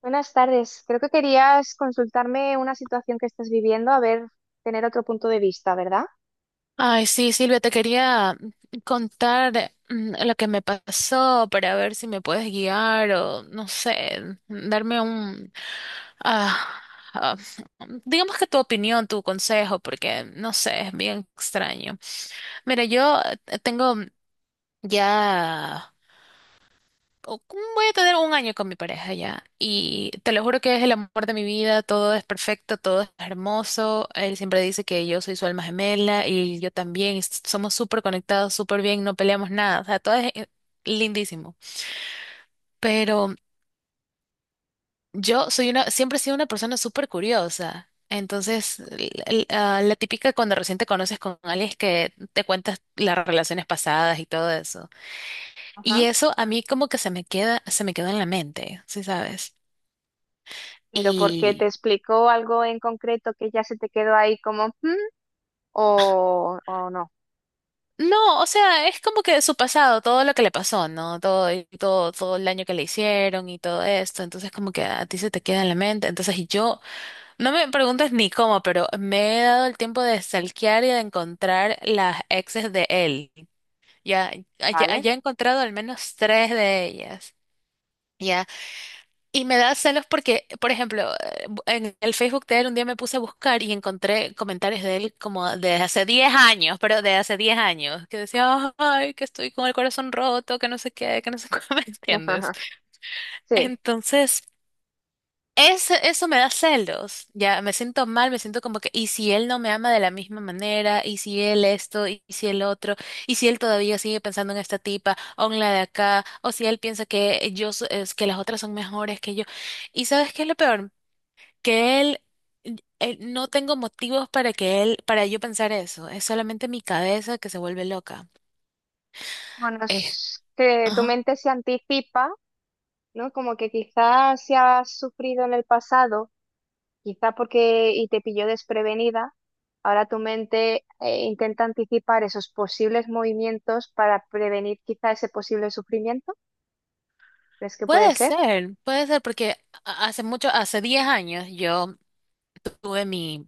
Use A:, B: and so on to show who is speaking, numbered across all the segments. A: Buenas tardes. Creo que querías consultarme una situación que estás viviendo, a ver, tener otro punto de vista, ¿verdad?
B: Ay, sí, Silvia, te quería contar lo que me pasó para ver si me puedes guiar o, no sé, darme un, ah, ah, digamos que tu opinión, tu consejo, porque, no sé, es bien extraño. Mira, yo tengo ya o cómo voy a tener un año con mi pareja ya. Y te lo juro que es el amor de mi vida, todo es perfecto, todo es hermoso. Él siempre dice que yo soy su alma gemela y yo también, y somos súper conectados, súper bien, no peleamos nada, o sea, todo es lindísimo. Pero siempre he sido una persona súper curiosa. Entonces, la típica cuando recién te conoces con alguien es que te cuentas las relaciones pasadas y todo eso. Y
A: Ajá.
B: eso a mí como que se me quedó en la mente, ¿sí sabes?
A: Pero porque te
B: Y
A: explicó algo en concreto que ya se te quedó ahí como, "Hmm", o no,
B: no, o sea, es como que de su pasado, todo lo que le pasó, ¿no? Todo, y todo, todo el daño que le hicieron y todo esto. Entonces, como que a ti se te queda en la mente. Entonces, y yo, no me preguntes ni cómo, pero me he dado el tiempo de stalkear y de encontrar las exes de él. Ya, ya,
A: ¿vale?
B: ya he encontrado al menos tres de ellas. Y me da celos porque, por ejemplo, en el Facebook de él un día me puse a buscar y encontré comentarios de él como de hace 10 años, pero de hace 10 años, que decía, ay, que estoy con el corazón roto, que no sé qué, que no sé cómo, ¿me entiendes?
A: Sí.
B: Entonces, eso me da celos, ya me siento mal, me siento como que, ¿y si él no me ama de la misma manera? ¿Y si él esto? ¿Y si el otro? ¿Y si él todavía sigue pensando en esta tipa o en la de acá? ¿O si él piensa que yo, es que las otras son mejores que yo? ¿Y sabes qué es lo peor? Que no tengo motivos para que él, para yo pensar eso, es solamente mi cabeza que se vuelve loca.
A: Bueno,
B: Es
A: es que tu
B: Ajá.
A: mente se anticipa, ¿no? Como que quizás si has sufrido en el pasado. Quizá porque y te pilló desprevenida, ahora tu mente intenta anticipar esos posibles movimientos para prevenir quizá ese posible sufrimiento. ¿Crees que puede ser?
B: Puede ser, porque hace mucho, hace 10 años yo tuve mi...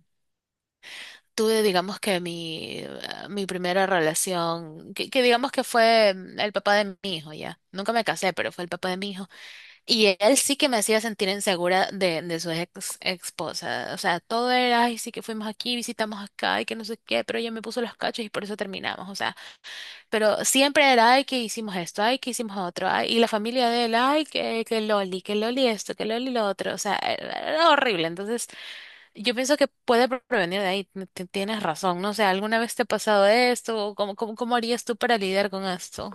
B: tuve, digamos que mi primera relación, que digamos que fue el papá de mi hijo, ya. Nunca me casé, pero fue el papá de mi hijo. Y él sí que me hacía sentir insegura de su ex esposa. O sea, todo era, ay, sí que fuimos aquí, visitamos acá, y que no sé qué, pero ella me puso los cachos y por eso terminamos. O sea, pero siempre era, ay, que hicimos esto, ay, que hicimos otro, ay, y la familia de él, ay, que Loli, que Loli esto, que Loli lo otro. O sea, era horrible. Entonces, yo pienso que puede prevenir de ahí, tienes razón, no sé, ¿alguna vez te ha pasado esto? ¿O ¿Cómo harías tú para lidiar con esto?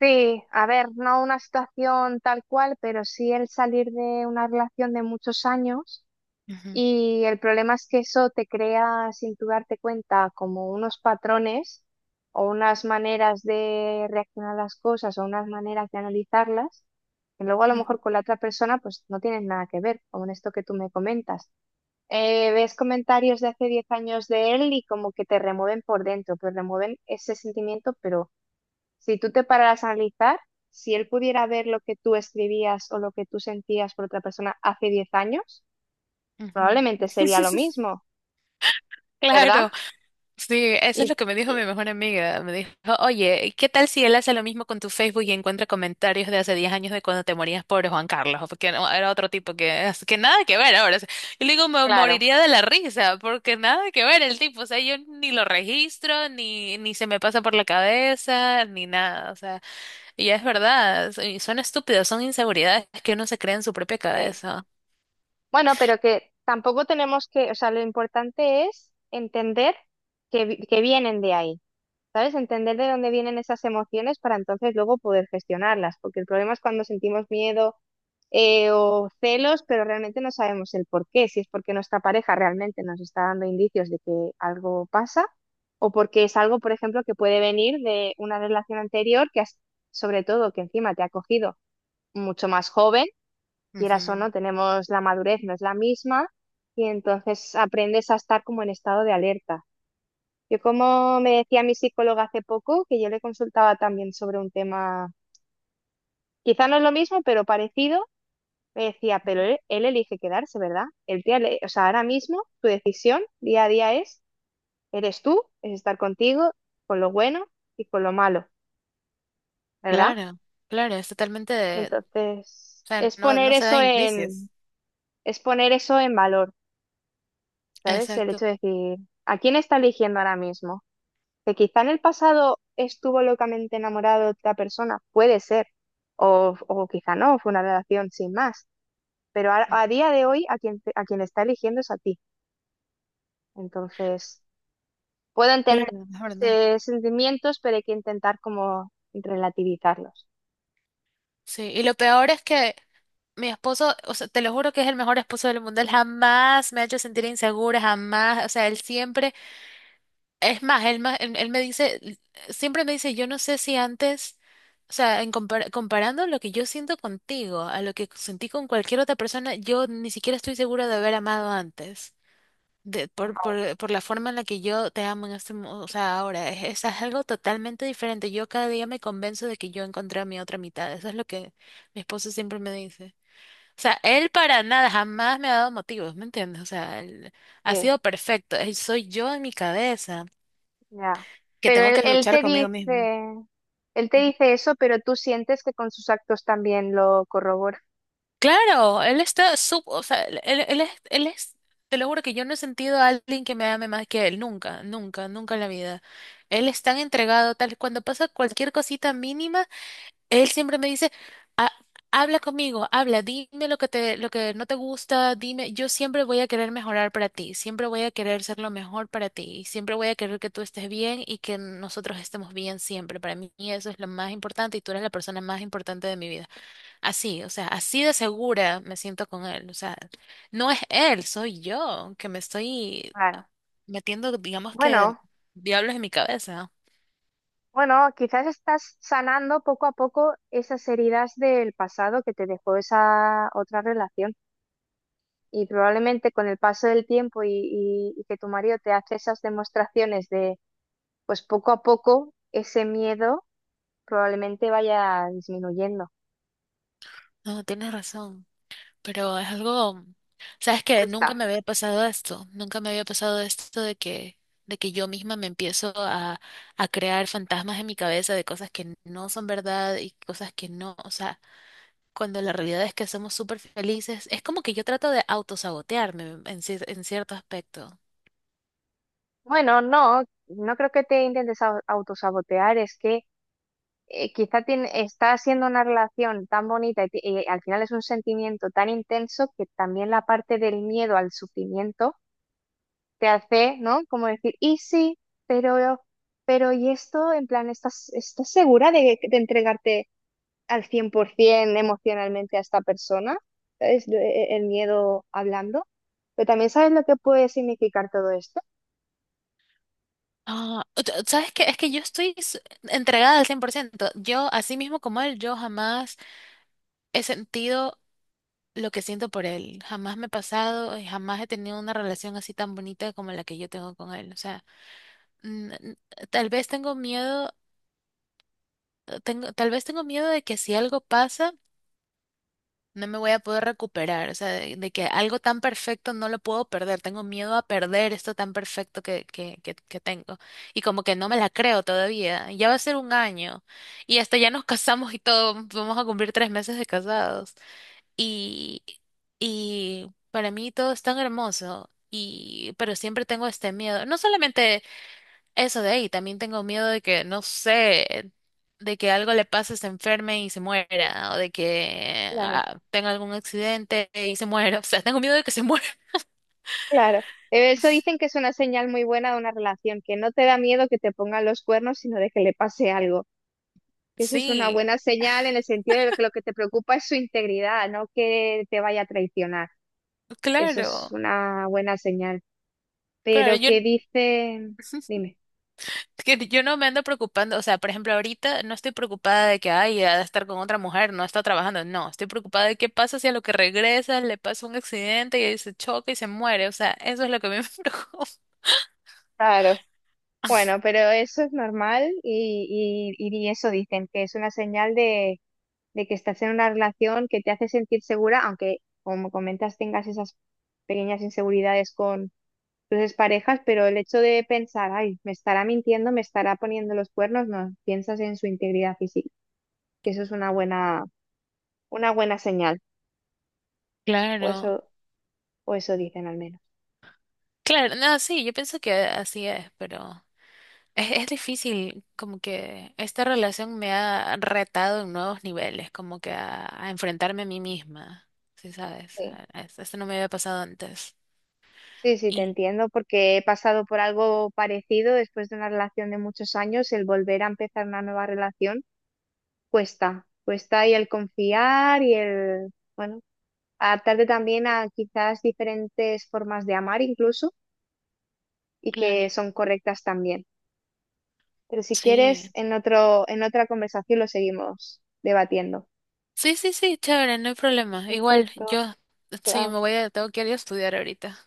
A: Sí, a ver, no una situación tal cual, pero sí el salir de una relación de muchos años.
B: Ujú,
A: Y el problema es que eso te crea, sin tú darte cuenta, como unos patrones o unas maneras de reaccionar a las cosas o unas maneras de analizarlas, que luego a lo
B: ujú,
A: mejor con la otra persona pues no tienes nada que ver, como en esto que tú me comentas. Ves comentarios de hace 10 años de él y como que te remueven por dentro, te remueven ese sentimiento, pero si tú te pararas a analizar, si él pudiera ver lo que tú escribías o lo que tú sentías por otra persona hace 10 años,
B: ujú.
A: probablemente sería lo mismo. ¿Verdad?
B: Claro, sí, eso es
A: Y,
B: lo que me dijo mi
A: y-
B: mejor amiga. Me dijo, oye, ¿qué tal si él hace lo mismo con tu Facebook y encuentra comentarios de hace 10 años de cuando te morías por Juan Carlos? Porque no, era otro tipo que nada que ver ahora. O sea, yo le digo, me
A: claro,
B: moriría de la risa, porque nada que ver el tipo. O sea, yo ni lo registro, ni se me pasa por la cabeza, ni nada. O sea. Y es verdad, y son estúpidos, son inseguridades que uno se crea en su propia
A: sí.
B: cabeza.
A: Bueno, pero que tampoco tenemos que, o sea, lo importante es entender que, que vienen de ahí, ¿sabes? Entender de dónde vienen esas emociones para entonces luego poder gestionarlas, porque el problema es cuando sentimos miedo o celos, pero realmente no sabemos el por qué, si es porque nuestra pareja realmente nos está dando indicios de que algo pasa, o porque es algo, por ejemplo, que puede venir de una relación anterior que sobre todo que encima te ha cogido mucho más joven, quieras o
B: Ujú.
A: no, tenemos la madurez, no es la misma, y entonces aprendes a estar como en estado de alerta. Yo como me decía mi psicóloga hace poco, que yo le consultaba también sobre un tema, quizá no es lo mismo, pero parecido, me decía, pero él elige quedarse, ¿verdad? El día, o sea, ahora mismo tu decisión día a día es, eres tú, es estar contigo, con lo bueno y con lo malo, ¿verdad?
B: Claro, claro, es totalmente o
A: Entonces,
B: sea, no, no se da indicios.
A: es poner eso en valor, ¿sabes? El
B: Exacto.
A: hecho de decir, ¿a quién está eligiendo ahora mismo? Que quizá en el pasado estuvo locamente enamorado de otra persona, puede ser, o quizá no, fue una relación sin más, pero
B: Mm.
A: a día de hoy a quien está eligiendo es a ti. Entonces, puedo entender
B: Claro, es verdad.
A: esos sentimientos, pero hay que intentar como relativizarlos.
B: Sí, y lo peor es que mi esposo, o sea, te lo juro que es el mejor esposo del mundo, él jamás me ha hecho sentir insegura, jamás, o sea, él siempre. Es más, él me dice, siempre me dice, yo no sé si antes, o sea, en comparando lo que yo siento contigo a lo que sentí con cualquier otra persona, yo ni siquiera estoy segura de haber amado antes, de, por la forma en la que yo te amo en este, o sea, ahora, es, algo totalmente diferente. Yo cada día me convenzo de que yo encontré a mi otra mitad. Eso es lo que mi esposo siempre me dice. O sea, él para nada, jamás me ha dado motivos, ¿me entiendes? O sea, él ha
A: Sí,
B: sido perfecto. Él soy yo en mi cabeza
A: ya.
B: que
A: Pero
B: tengo que luchar conmigo mismo.
A: él te
B: Ujú.
A: dice eso, pero tú sientes que con sus actos también lo corrobora.
B: Claro, él está o sea, él es, te lo juro que yo no he sentido a alguien que me ame más que él, nunca, nunca, nunca en la vida. Él es tan entregado, tal, cuando pasa cualquier cosita mínima, él siempre me dice, "Ha- habla conmigo, habla, dime lo que te, lo que no te gusta, dime, yo siempre voy a querer mejorar para ti, siempre voy a querer ser lo mejor para ti, y siempre voy a querer que tú estés bien y que nosotros estemos bien siempre. Para mí eso es lo más importante y tú eres la persona más importante de mi vida." Así, o sea, así de segura me siento con él. O sea, no es él, soy yo que me estoy
A: Claro.
B: metiendo, digamos que,
A: Bueno.
B: diablos en mi cabeza.
A: Bueno, quizás estás sanando poco a poco esas heridas del pasado que te dejó esa otra relación. Y probablemente con el paso del tiempo y, y que tu marido te hace esas demostraciones de, pues poco a poco, ese miedo probablemente vaya disminuyendo.
B: No, tienes razón, pero es algo, sabes que
A: Pues
B: nunca me
A: está.
B: había pasado esto, nunca me había pasado esto de que yo misma me empiezo a crear fantasmas en mi cabeza de cosas que no son verdad y cosas que no, o sea, cuando la realidad es que somos súper felices, es como que yo trato de autosabotearme en, en cierto aspecto.
A: Bueno, no, no creo que te intentes autosabotear, es que quizá está siendo una relación tan bonita y, y al final es un sentimiento tan intenso que también la parte del miedo al sufrimiento te hace, ¿no? Como decir, y sí, pero, pero y esto, en plan, ¿estás, estás segura de entregarte al 100% emocionalmente a esta persona? Es el miedo hablando. Pero también sabes lo que puede significar todo esto.
B: Ah, ¿sabes qué? Es que yo estoy entregada al 100%. Yo, así mismo como él, yo jamás he sentido lo que siento por él. Jamás me he pasado y jamás he tenido una relación así tan bonita como la que yo tengo con él. O sea, mm, n- tal vez tengo miedo, tal vez tengo miedo de que si algo pasa no me voy a poder recuperar, o sea, de que algo tan perfecto no lo puedo perder, tengo miedo a perder esto tan perfecto que tengo. Y como que no me la creo todavía, ya va a ser un año y hasta ya nos casamos y todo, vamos a cumplir 3 meses de casados. Y, y para mí todo es tan hermoso. Pero siempre tengo este miedo. No solamente eso de ahí, también tengo miedo de que, no sé, de que algo le pase, se enferme y se muera, o de que
A: Claro,
B: tenga algún accidente y se muera. O sea, tengo miedo de que se muera.
A: claro. Eso dicen que es una señal muy buena de una relación, que no te da miedo que te pongan los cuernos, sino de que le pase algo. Eso es una
B: Sí,
A: buena señal en el sentido de que lo que te preocupa es su integridad, no que te vaya a traicionar. Eso es
B: claro,
A: una buena señal.
B: claro,
A: Pero
B: yo,
A: ¿qué dice? Dime.
B: que yo no me ando preocupando, o sea, por ejemplo, ahorita no estoy preocupada de que, ay, ha de estar con otra mujer, no está trabajando, no, estoy preocupada de qué pasa si a lo que regresa le pasa un accidente y ahí se choca y se muere, o sea, eso es lo que a mí me preocupa.
A: Claro. Bueno, pero eso es normal y eso dicen, que es una señal de que estás en una relación que te hace sentir segura, aunque como comentas tengas esas pequeñas inseguridades con tus exparejas, pero el hecho de pensar, ay, me estará mintiendo, me estará poniendo los cuernos, no, piensas en su integridad física, que eso es una buena señal, o eso,
B: Claro,
A: o eso dicen al menos.
B: claro, no, sí, yo pienso que así es, pero... Es difícil, como que esta relación me ha retado en nuevos niveles, como que a enfrentarme a mí misma, ¿sí sabes?
A: Sí.
B: Esto no me había pasado antes.
A: Sí, sí, te
B: Y,
A: entiendo, porque he pasado por algo parecido después de una relación de muchos años, el volver a empezar una nueva relación cuesta, cuesta y el confiar y el, bueno, adaptarte también a quizás diferentes formas de amar incluso y que
B: claro,
A: son correctas también. Pero si
B: sí.
A: quieres, en otro, en otra conversación lo seguimos debatiendo.
B: Sí, sí, sí, chévere, no hay problema. Igual,
A: Perfecto,
B: yo, sí,
A: chao.
B: tengo que ir a estudiar ahorita.